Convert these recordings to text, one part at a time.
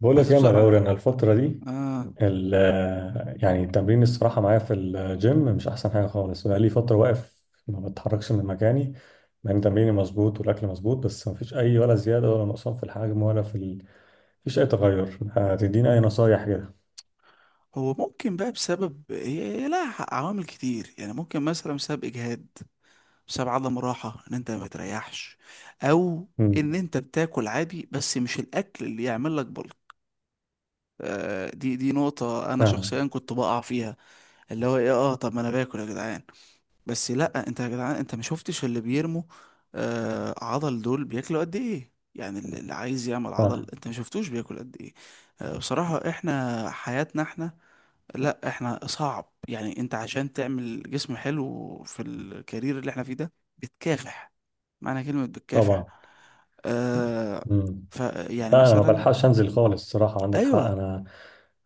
بقول لك بس إيه يا بصراحة. مغاوري، انا الفتره دي آه. ال- يعني التمرين الصراحه معايا في الجيم مش احسن حاجه خالص. بقى لي فتره واقف ما بتحركش من مكاني مع ان تمريني مظبوط والاكل مظبوط، بس ما فيش اي ولا زياده ولا نقصان في الحجم ولا في فيش اي تغير. هتديني اي نصايح كده؟ هو ممكن بقى بسبب هي لها عوامل كتير، يعني ممكن مثلا بسبب إجهاد، بسبب عدم راحة إن أنت ما بتريحش، أو إن امم أنت بتاكل عادي بس مش الأكل اللي يعمل لك بلك. دي نقطة أنا فاهم. شخصيا كنت بقع فيها، اللي هو إيه، طب ما أنا باكل يا جدعان. بس لأ، أنت يا جدعان أنت ما شفتش اللي بيرموا عضل دول بياكلوا قد إيه. يعني اللي عايز يعمل عضل صح. أنت ما شفتوش بياكل قد إيه. بصراحة إحنا حياتنا إحنا، لا احنا صعب، يعني انت عشان تعمل جسم حلو في الكارير اللي احنا فيه ده بتكافح معنى كلمة بتكافح. طبعا. آه. امم ف يعني لا انا ما مثلا. بلحقش انزل خالص الصراحه، عندك حق. ايوه. انا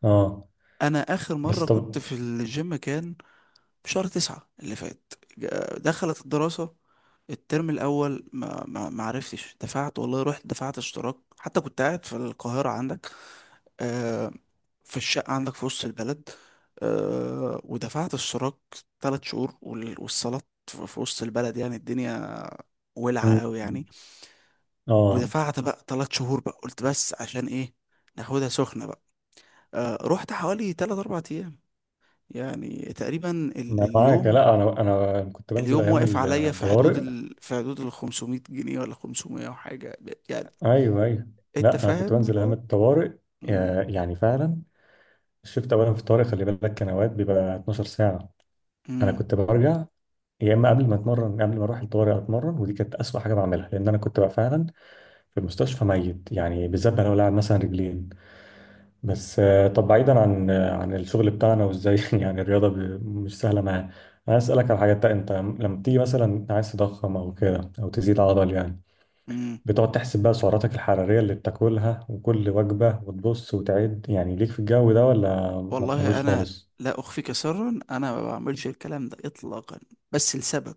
اه. انا اخر بس مرة كنت طب. في الجيم كان في شهر تسعة اللي فات، دخلت الدراسة. الترم الاول ما عرفتش دفعت، والله رحت دفعت اشتراك، حتى كنت قاعد في القاهرة عندك، آه، في الشقة عندك في وسط البلد. ودفعت اشتراك تلات شهور، والصالات في وسط البلد يعني الدنيا مم. ولعة قوي يعني. اه. ودفعت بقى تلات شهور، بقى قلت بس عشان ايه ناخدها سخنة بقى. رحت حوالي تلات أربع أيام، يعني تقريبا ما معاك؟ اليوم. لا انا كنت بنزل اليوم ايام واقف عليا في حدود الطوارئ. ال في حدود ال 500 جنيه ولا 500 وحاجة يعني. ايوه ايوه. انت لا انا كنت فاهم بنزل اللي ايام هو. الطوارئ، مم، يعني فعلا اولا في الطوارئ، خلي بالك كان اوقات بيبقى 12 ساعه. انا كنت برجع، يا اما قبل ما اتمرن قبل ما اروح الطوارئ اتمرن، ودي كانت اسوأ حاجه بعملها لان انا كنت بقى فعلا في المستشفى ميت، يعني بالذات بقى لو لاعب مثلا رجلين. بس طب بعيدا عن عن الشغل بتاعنا وازاي يعني الرياضه مش سهله معايا. انا اسالك على حاجه، انت لما بتيجي مثلا عايز تضخم او كده او تزيد عضل يعني، مم. بتقعد تحسب بقى سعراتك الحرارية اللي بتاكلها وكل وجبة وتبص وتعد يعني ليك في الجو ده، ولا ما والله بتعملوش انا، خالص؟ لا اخفيك سرا، انا ما بعملش الكلام ده اطلاقا، بس لسبب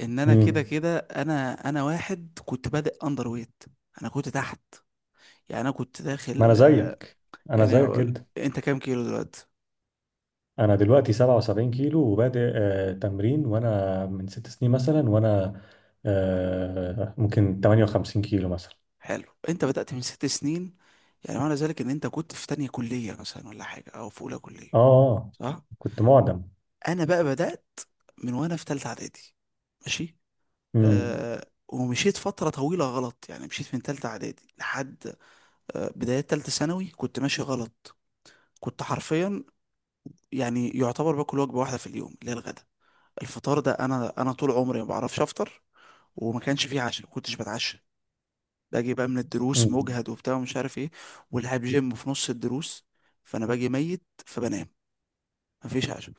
ان انا كده امم. كده انا واحد كنت بادئ اندر ويت. انا كنت تحت، يعني انا كنت ما انا داخل. زيك، انا يعني زيك اقول جدا. انت كام كيلو دلوقتي؟ انا دلوقتي 77 كيلو وبادئ آه تمرين، وانا من 6 سنين مثلا وانا آه ممكن 58 كيلو مثلا. حلو، انت بدأت من ست سنين، يعني معنى ذلك ان انت كنت في تانية كلية مثلا ولا حاجة او في اولى اه كلية؟ صح. كنت معدم. انا بقى بدأت من وانا في تالتة اعدادي. ماشي. امم. ومشيت فترة طويلة غلط، يعني مشيت من تالتة اعدادي لحد بداية تالتة ثانوي كنت ماشي غلط. كنت حرفيا، يعني يعتبر باكل وجبة واحدة في اليوم اللي هي الغدا. الفطار ده أنا طول عمري ما بعرفش أفطر، وما كانش فيه عشاء، ما كنتش بتعشى. باجي بقى من الدروس امم. مجهد وبتاع ومش عارف إيه، والعب جيم في نص الدروس، فأنا باجي ميت فبنام، مفيش عشاء.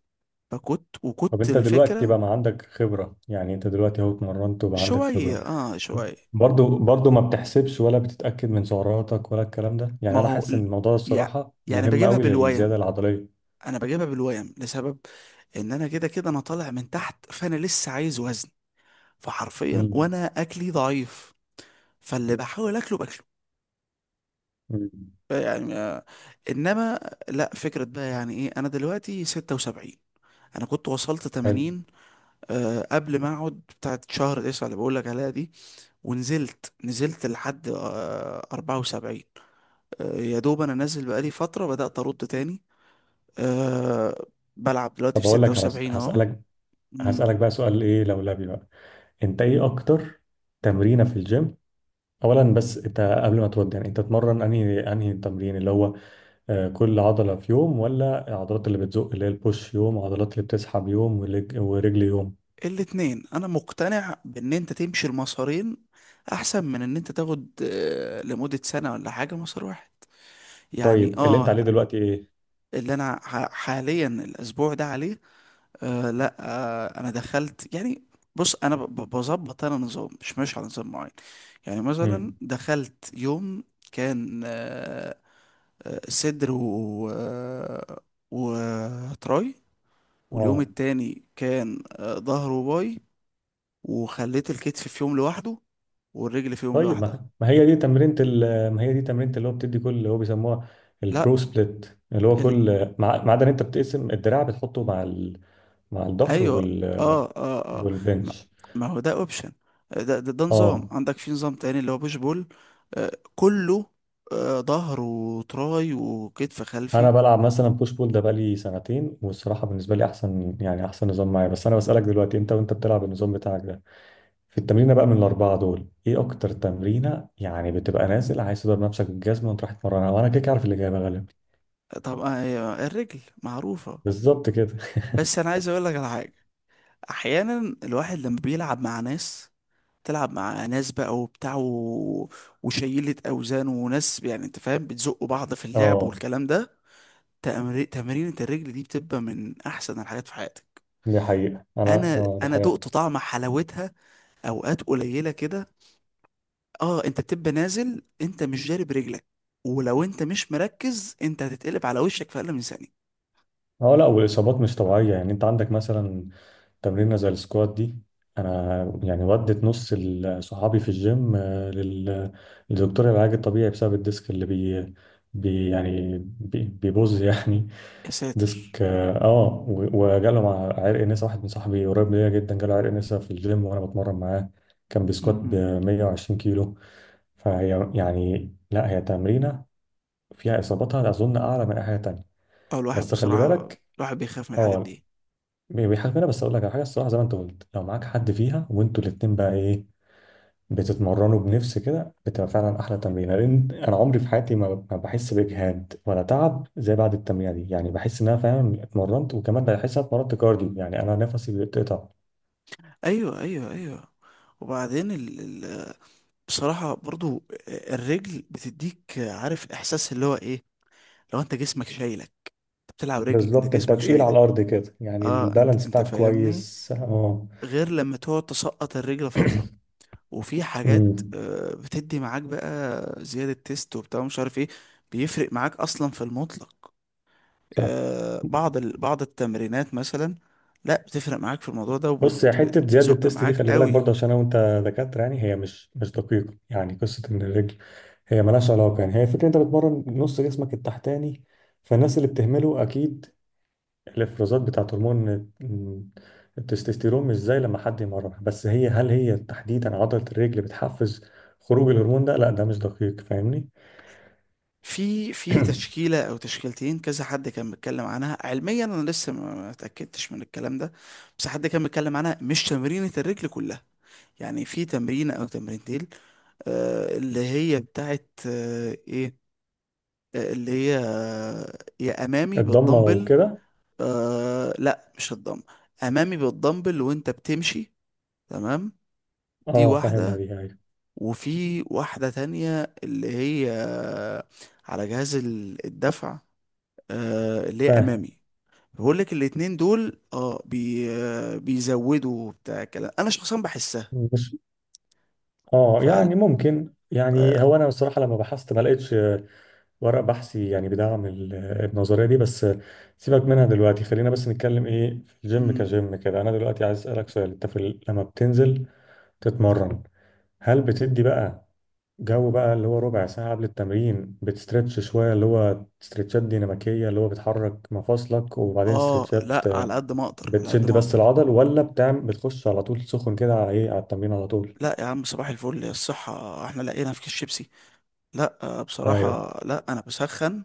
فكنت طب وكنت انت دلوقتي الفكرة. بقى ما عندك خبرة، يعني انت دلوقتي اهو اتمرنت وبقى عندك شوية خبرة، شوية. برضو برضو ما بتحسبش ولا بتتأكد من سعراتك ولا الكلام ده؟ يعني ما انا هو حاسس ان ال- الموضوع ده يع- الصراحة يعني مهم بجيبها قوي للزيادة بالويم. العضلية. أنا بجيبها بالويم لسبب إن أنا كده كده أنا طالع من تحت، فأنا لسه عايز وزن، فحرفيا امم. وانا اكلي ضعيف فاللي بحاول اكله باكله. أمم. يعني انما، لا فكرة بقى يعني ايه، انا دلوقتي 76، انا كنت وصلت حلو. 80 قبل ما اقعد بتاعت شهر 9 اللي بقول لك عليها دي، ونزلت نزلت لحد 74. يا دوب انا نازل بقالي فترة بدأت ارد تاني. آه، بلعب دلوقتي طب في اقول لك على 76 اهو. هسألك، هسألك بقى سؤال ايه لولبي بقى. انت ايه اكتر تمرينة في الجيم؟ اولا بس انت قبل ما تودي، يعني انت تتمرن انهي تمرين اللي هو كل عضلة في يوم، ولا العضلات اللي بتزق اللي هي البوش يوم وعضلات اللي بتسحب يوم ورجل يوم؟ الاتنين، انا مقتنع بان انت تمشي المسارين احسن من ان انت تاخد لمدة سنة ولا حاجة مسار واحد يعني. طيب اللي انت اه. عليه دلوقتي ايه؟ اللي انا حاليا الاسبوع ده عليه، آه لا آه انا دخلت يعني. بص انا بظبط انا نظام، مش ماشي على نظام معين. يعني مثلا امم. دخلت يوم كان صدر و آه، وتراي، واليوم اه. التاني كان ظهر وباي، وخليت الكتف في يوم لوحده، والرجل فيهم طيب لوحدها. ما هي دي تمرينة ما هي دي تمرينة اللي هو بتدي كل اللي هو بيسموها البرو لا. سبليت، اللي هو ال... كل ما عدا ان انت بتقسم الدراع بتحطه مع مع الظهر ايوه اه اه اه. ما, والبنش. ما هو ده اوبشن، ده نظام، اه. عندك في نظام تاني اللي هو بوش بول. كله. ظهر وتراي وكتف خلفي. انا بلعب مثلا بوش بول ده بقالي سنتين، والصراحة بالنسبة لي احسن، يعني احسن نظام معايا. بس انا بسألك دلوقتي انت وانت بتلعب النظام بتاعك ده، في التمرينة بقى من الاربعة دول ايه اكتر تمرينة، يعني بتبقى نازل عايز تضرب نفسك بالجزمة وتروح تتمرنها؟ وانا كده كده عارف الاجابة غالبا. طبعا. الرجل معروفة. بالظبط كده بس انا عايز اقول لك على حاجة، احيانا الواحد لما بيلعب مع ناس، تلعب مع ناس بقى وبتاع وشيلة اوزان وناس، يعني انت فاهم بتزقوا بعض في اللعب اه والكلام ده. تمرينة الرجل دي بتبقى من احسن الحاجات في حياتك. دي حقيقة، أنا انا اه دي انا دقت حقيقة. طعم حلاوتها اوقات قليله كده. اه، انت بتبقى نازل انت مش جارب رجلك، ولو انت مش مركز انت هتتقلب على وشك في اقل من ثانيه. اه لا، والاصابات مش طبيعيه. يعني انت عندك مثلا تمرينه زي السكوات دي، انا يعني ودت نص صحابي في الجيم آه، للدكتور العلاج الطبيعي بسبب الديسك اللي بي بيبوظ يعني يا ساتر. ديسك اه وجاله مع عرق نسا، واحد من صاحبي قريب ليا جدا جاله عرق نسا في الجيم وانا بتمرن معاه. كان بيسكوات ب امم. 120 كيلو. فهي يعني لا، هي تمرينه فيها اصاباتها اظن اعلى من اي حاجه تانيه. اه، الواحد بس خلي بصراحه بالك. الواحد بيخاف من الحاجات اه. دي. بيحاسبنا. بس اقول لك على حاجه الصراحه، زي ما انت قلت، لو معاك حد فيها وانتوا الاتنين بقى ايه بتتمرنوا بنفس كده، بتبقى فعلا احلى تمرين، لان انا عمري في حياتي ما بحس باجهاد ولا تعب زي بعد التمرينه دي، يعني بحس ان انا فعلا اتمرنت، وكمان بحس ان انا اتمرنت كارديو يعني انا نفسي بيتقطع. ايوه ايوه ايوه. وبعدين ال... بصراحه برضو الرجل بتديك، عارف احساس اللي هو ايه، لو انت جسمك شايلك، انت بتلعب رجل انت بالظبط، انت جسمك تقيل على شايلك. الارض كده، يعني اه. انت البالانس انت بتاعك فاهمني، كويس، اه. غير لما تقعد تسقط الرجل فترة، وفي حاجات امم. بتدي معاك بقى زيادة تيست وبتاع مش عارف ايه، بيفرق معاك اصلا في المطلق. صح. بعض بعض التمرينات مثلا، لا، بتفرق معاك في الموضوع ده بص يا حته، زياده وبتزق التست دي معاك خلي بالك برضه قوي. عشان انا وانت دكاتره، يعني هي مش دقيقه. يعني قصه ان الرجل هي ملهاش علاقة، يعني هي الفكرة انت بتمرن نص جسمك التحتاني، فالناس اللي بتهمله اكيد الافرازات بتاعت هرمون ال- التستوستيرون مش زي لما حد يمرنها. بس هي هل هي تحديدا عضلة الرجل بتحفز خروج الهرمون ده؟ لا ده مش دقيق، فاهمني. في تشكيلة او تشكيلتين، كذا حد كان بيتكلم عنها علميا، انا لسه ما اتأكدتش من الكلام ده، بس حد كان بيتكلم عنها مش تمرينة الرجل كلها، يعني في تمرين او تمرينتين، اللي هي بتاعت ايه، اللي هي يا امامي الضمة بالدمبل. وكده. لا مش الدمبل، امامي بالدمبل وانت بتمشي، تمام. دي اه فاهمها واحدة، دي هاي. وفي واحدة تانية اللي هي على جهاز الدفع، اللي هي فاهم. امامي. بقول لك الاتنين دول اه بي آه، بيزودوا بتاع كلام، انا شخصيا بحسها. مش اه، فقال. يعني ممكن، يعني آه, هو انا بصراحة لما بحثت ما لقيتش ورق بحثي يعني بيدعم النظرية دي. بس سيبك منها دلوقتي، خلينا بس نتكلم ايه في الجيم مم. كجيم كده. انا دلوقتي عايز اسألك سؤال، انت في لما بتنزل تتمرن هل بتدي بقى جو بقى اللي هو ربع ساعة قبل التمرين بتسترتش شوية اللي هو استرتشات ديناميكية اللي هو بتحرك مفاصلك، وبعدين اه استرتشات لا، على آه، قد ما اقدر، على قد بتشد ما بس اقدر. العضل، ولا بتعمل بتخش على طول سخن كده على ايه على التمرين على طول؟ لا يا عم صباح الفل الصحة، احنا لقينا في كيس شيبسي. لا، ايوه. بصراحة، لا انا بسخن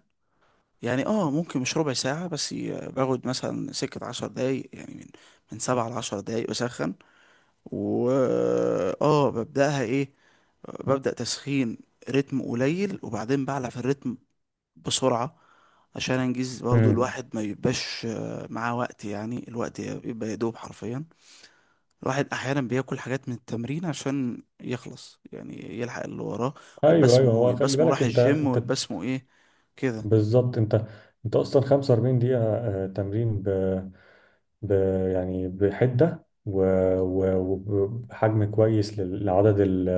يعني، ممكن مش ربع ساعة بس، باخد مثلا سكة عشر دقايق، يعني من من سبعة لعشر دقايق بسخن. و اه ببدأها ايه، ببدأ تسخين رتم قليل، وبعدين بعلى في الرتم بسرعة، عشان انجز برضو امم. الواحد ما يبقاش معاه وقت، يعني الوقت بيبقى يدوب حرفيا. الواحد احيانا بياكل حاجات من التمرين عشان يخلص، يعني يلحق اللي وراه، ايوه ايوه، هو يبقى خلي اسمه بالك راح انت الجيم، انت ويبقى اسمه ايه كده. بالظبط، انت اصلا 45 دقيقة تمرين ب... يعني بحدة و- وبحجم كويس لعدد ال...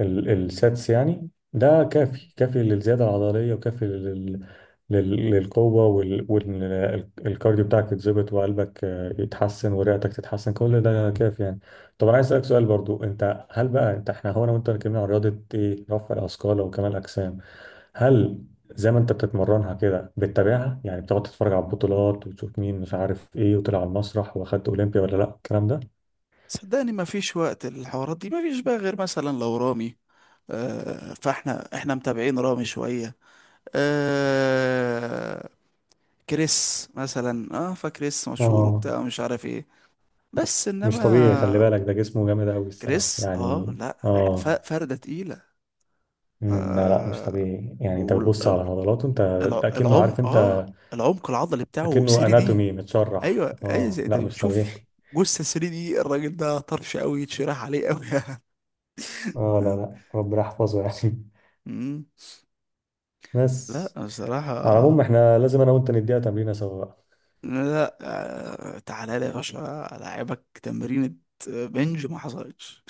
ال... الساتس، يعني ده كافي كافي للزيادة العضلية، وكافي للقوة والكارديو الكارديو بتاعك يتظبط، وقلبك آه، يتحسن ورئتك تتحسن، كل ده كافي يعني. طب انا عايز اسألك سؤال برضو، انت هل بقى انت احنا هو انا وانت اتكلمنا عن رياضة ايه رفع الاثقال وكمال الاجسام، هل زي ما انت بتتمرنها كده بتتابعها يعني بتقعد تتفرج على البطولات وتشوف مين مش عارف ايه وطلع على المسرح واخد اولمبيا ولا لا الكلام ده؟ صدقني ما فيش وقت الحوارات دي، ما فيش بقى غير مثلا لو رامي، فاحنا متابعين رامي شوية. آه كريس مثلا، فكريس مشهور اه وبتاع مش عارف ايه. بس مش طبيعي خلي انما بالك، ده جسمه جامد قوي الصراحه كريس، يعني. لا، اه فردة تقيلة. مم، لا لا مش آه طبيعي، يعني انت بتبص على عضلاته انت، ده اكنه، عارف العمق، انت، العمق العضلي بتاعه اكنه 3 دي. اناتومي متشرح، ايوه ايوه، اه زي انت لا مش بتشوف طبيعي جثه 3 دي، الراجل ده طرش قوي، يتشرح عليه قوي. اه لا لا ربنا يحفظه يعني مم. لا بس على بصراحه. العموم احنا لازم انا وانت نديها تمرينه سوا بقى. لا، تعالى لي يا باشا العبك تمرينة بنج ما حصلتش.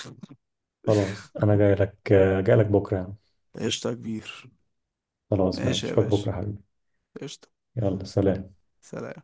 خلاص انا جاي لك، جاي لك بكره يعني. قشطه يا كبير. خلاص ماشي، ماشي يا اشوفك باشا. بكرة حبيبي. قشطه. يلا سلام سلام.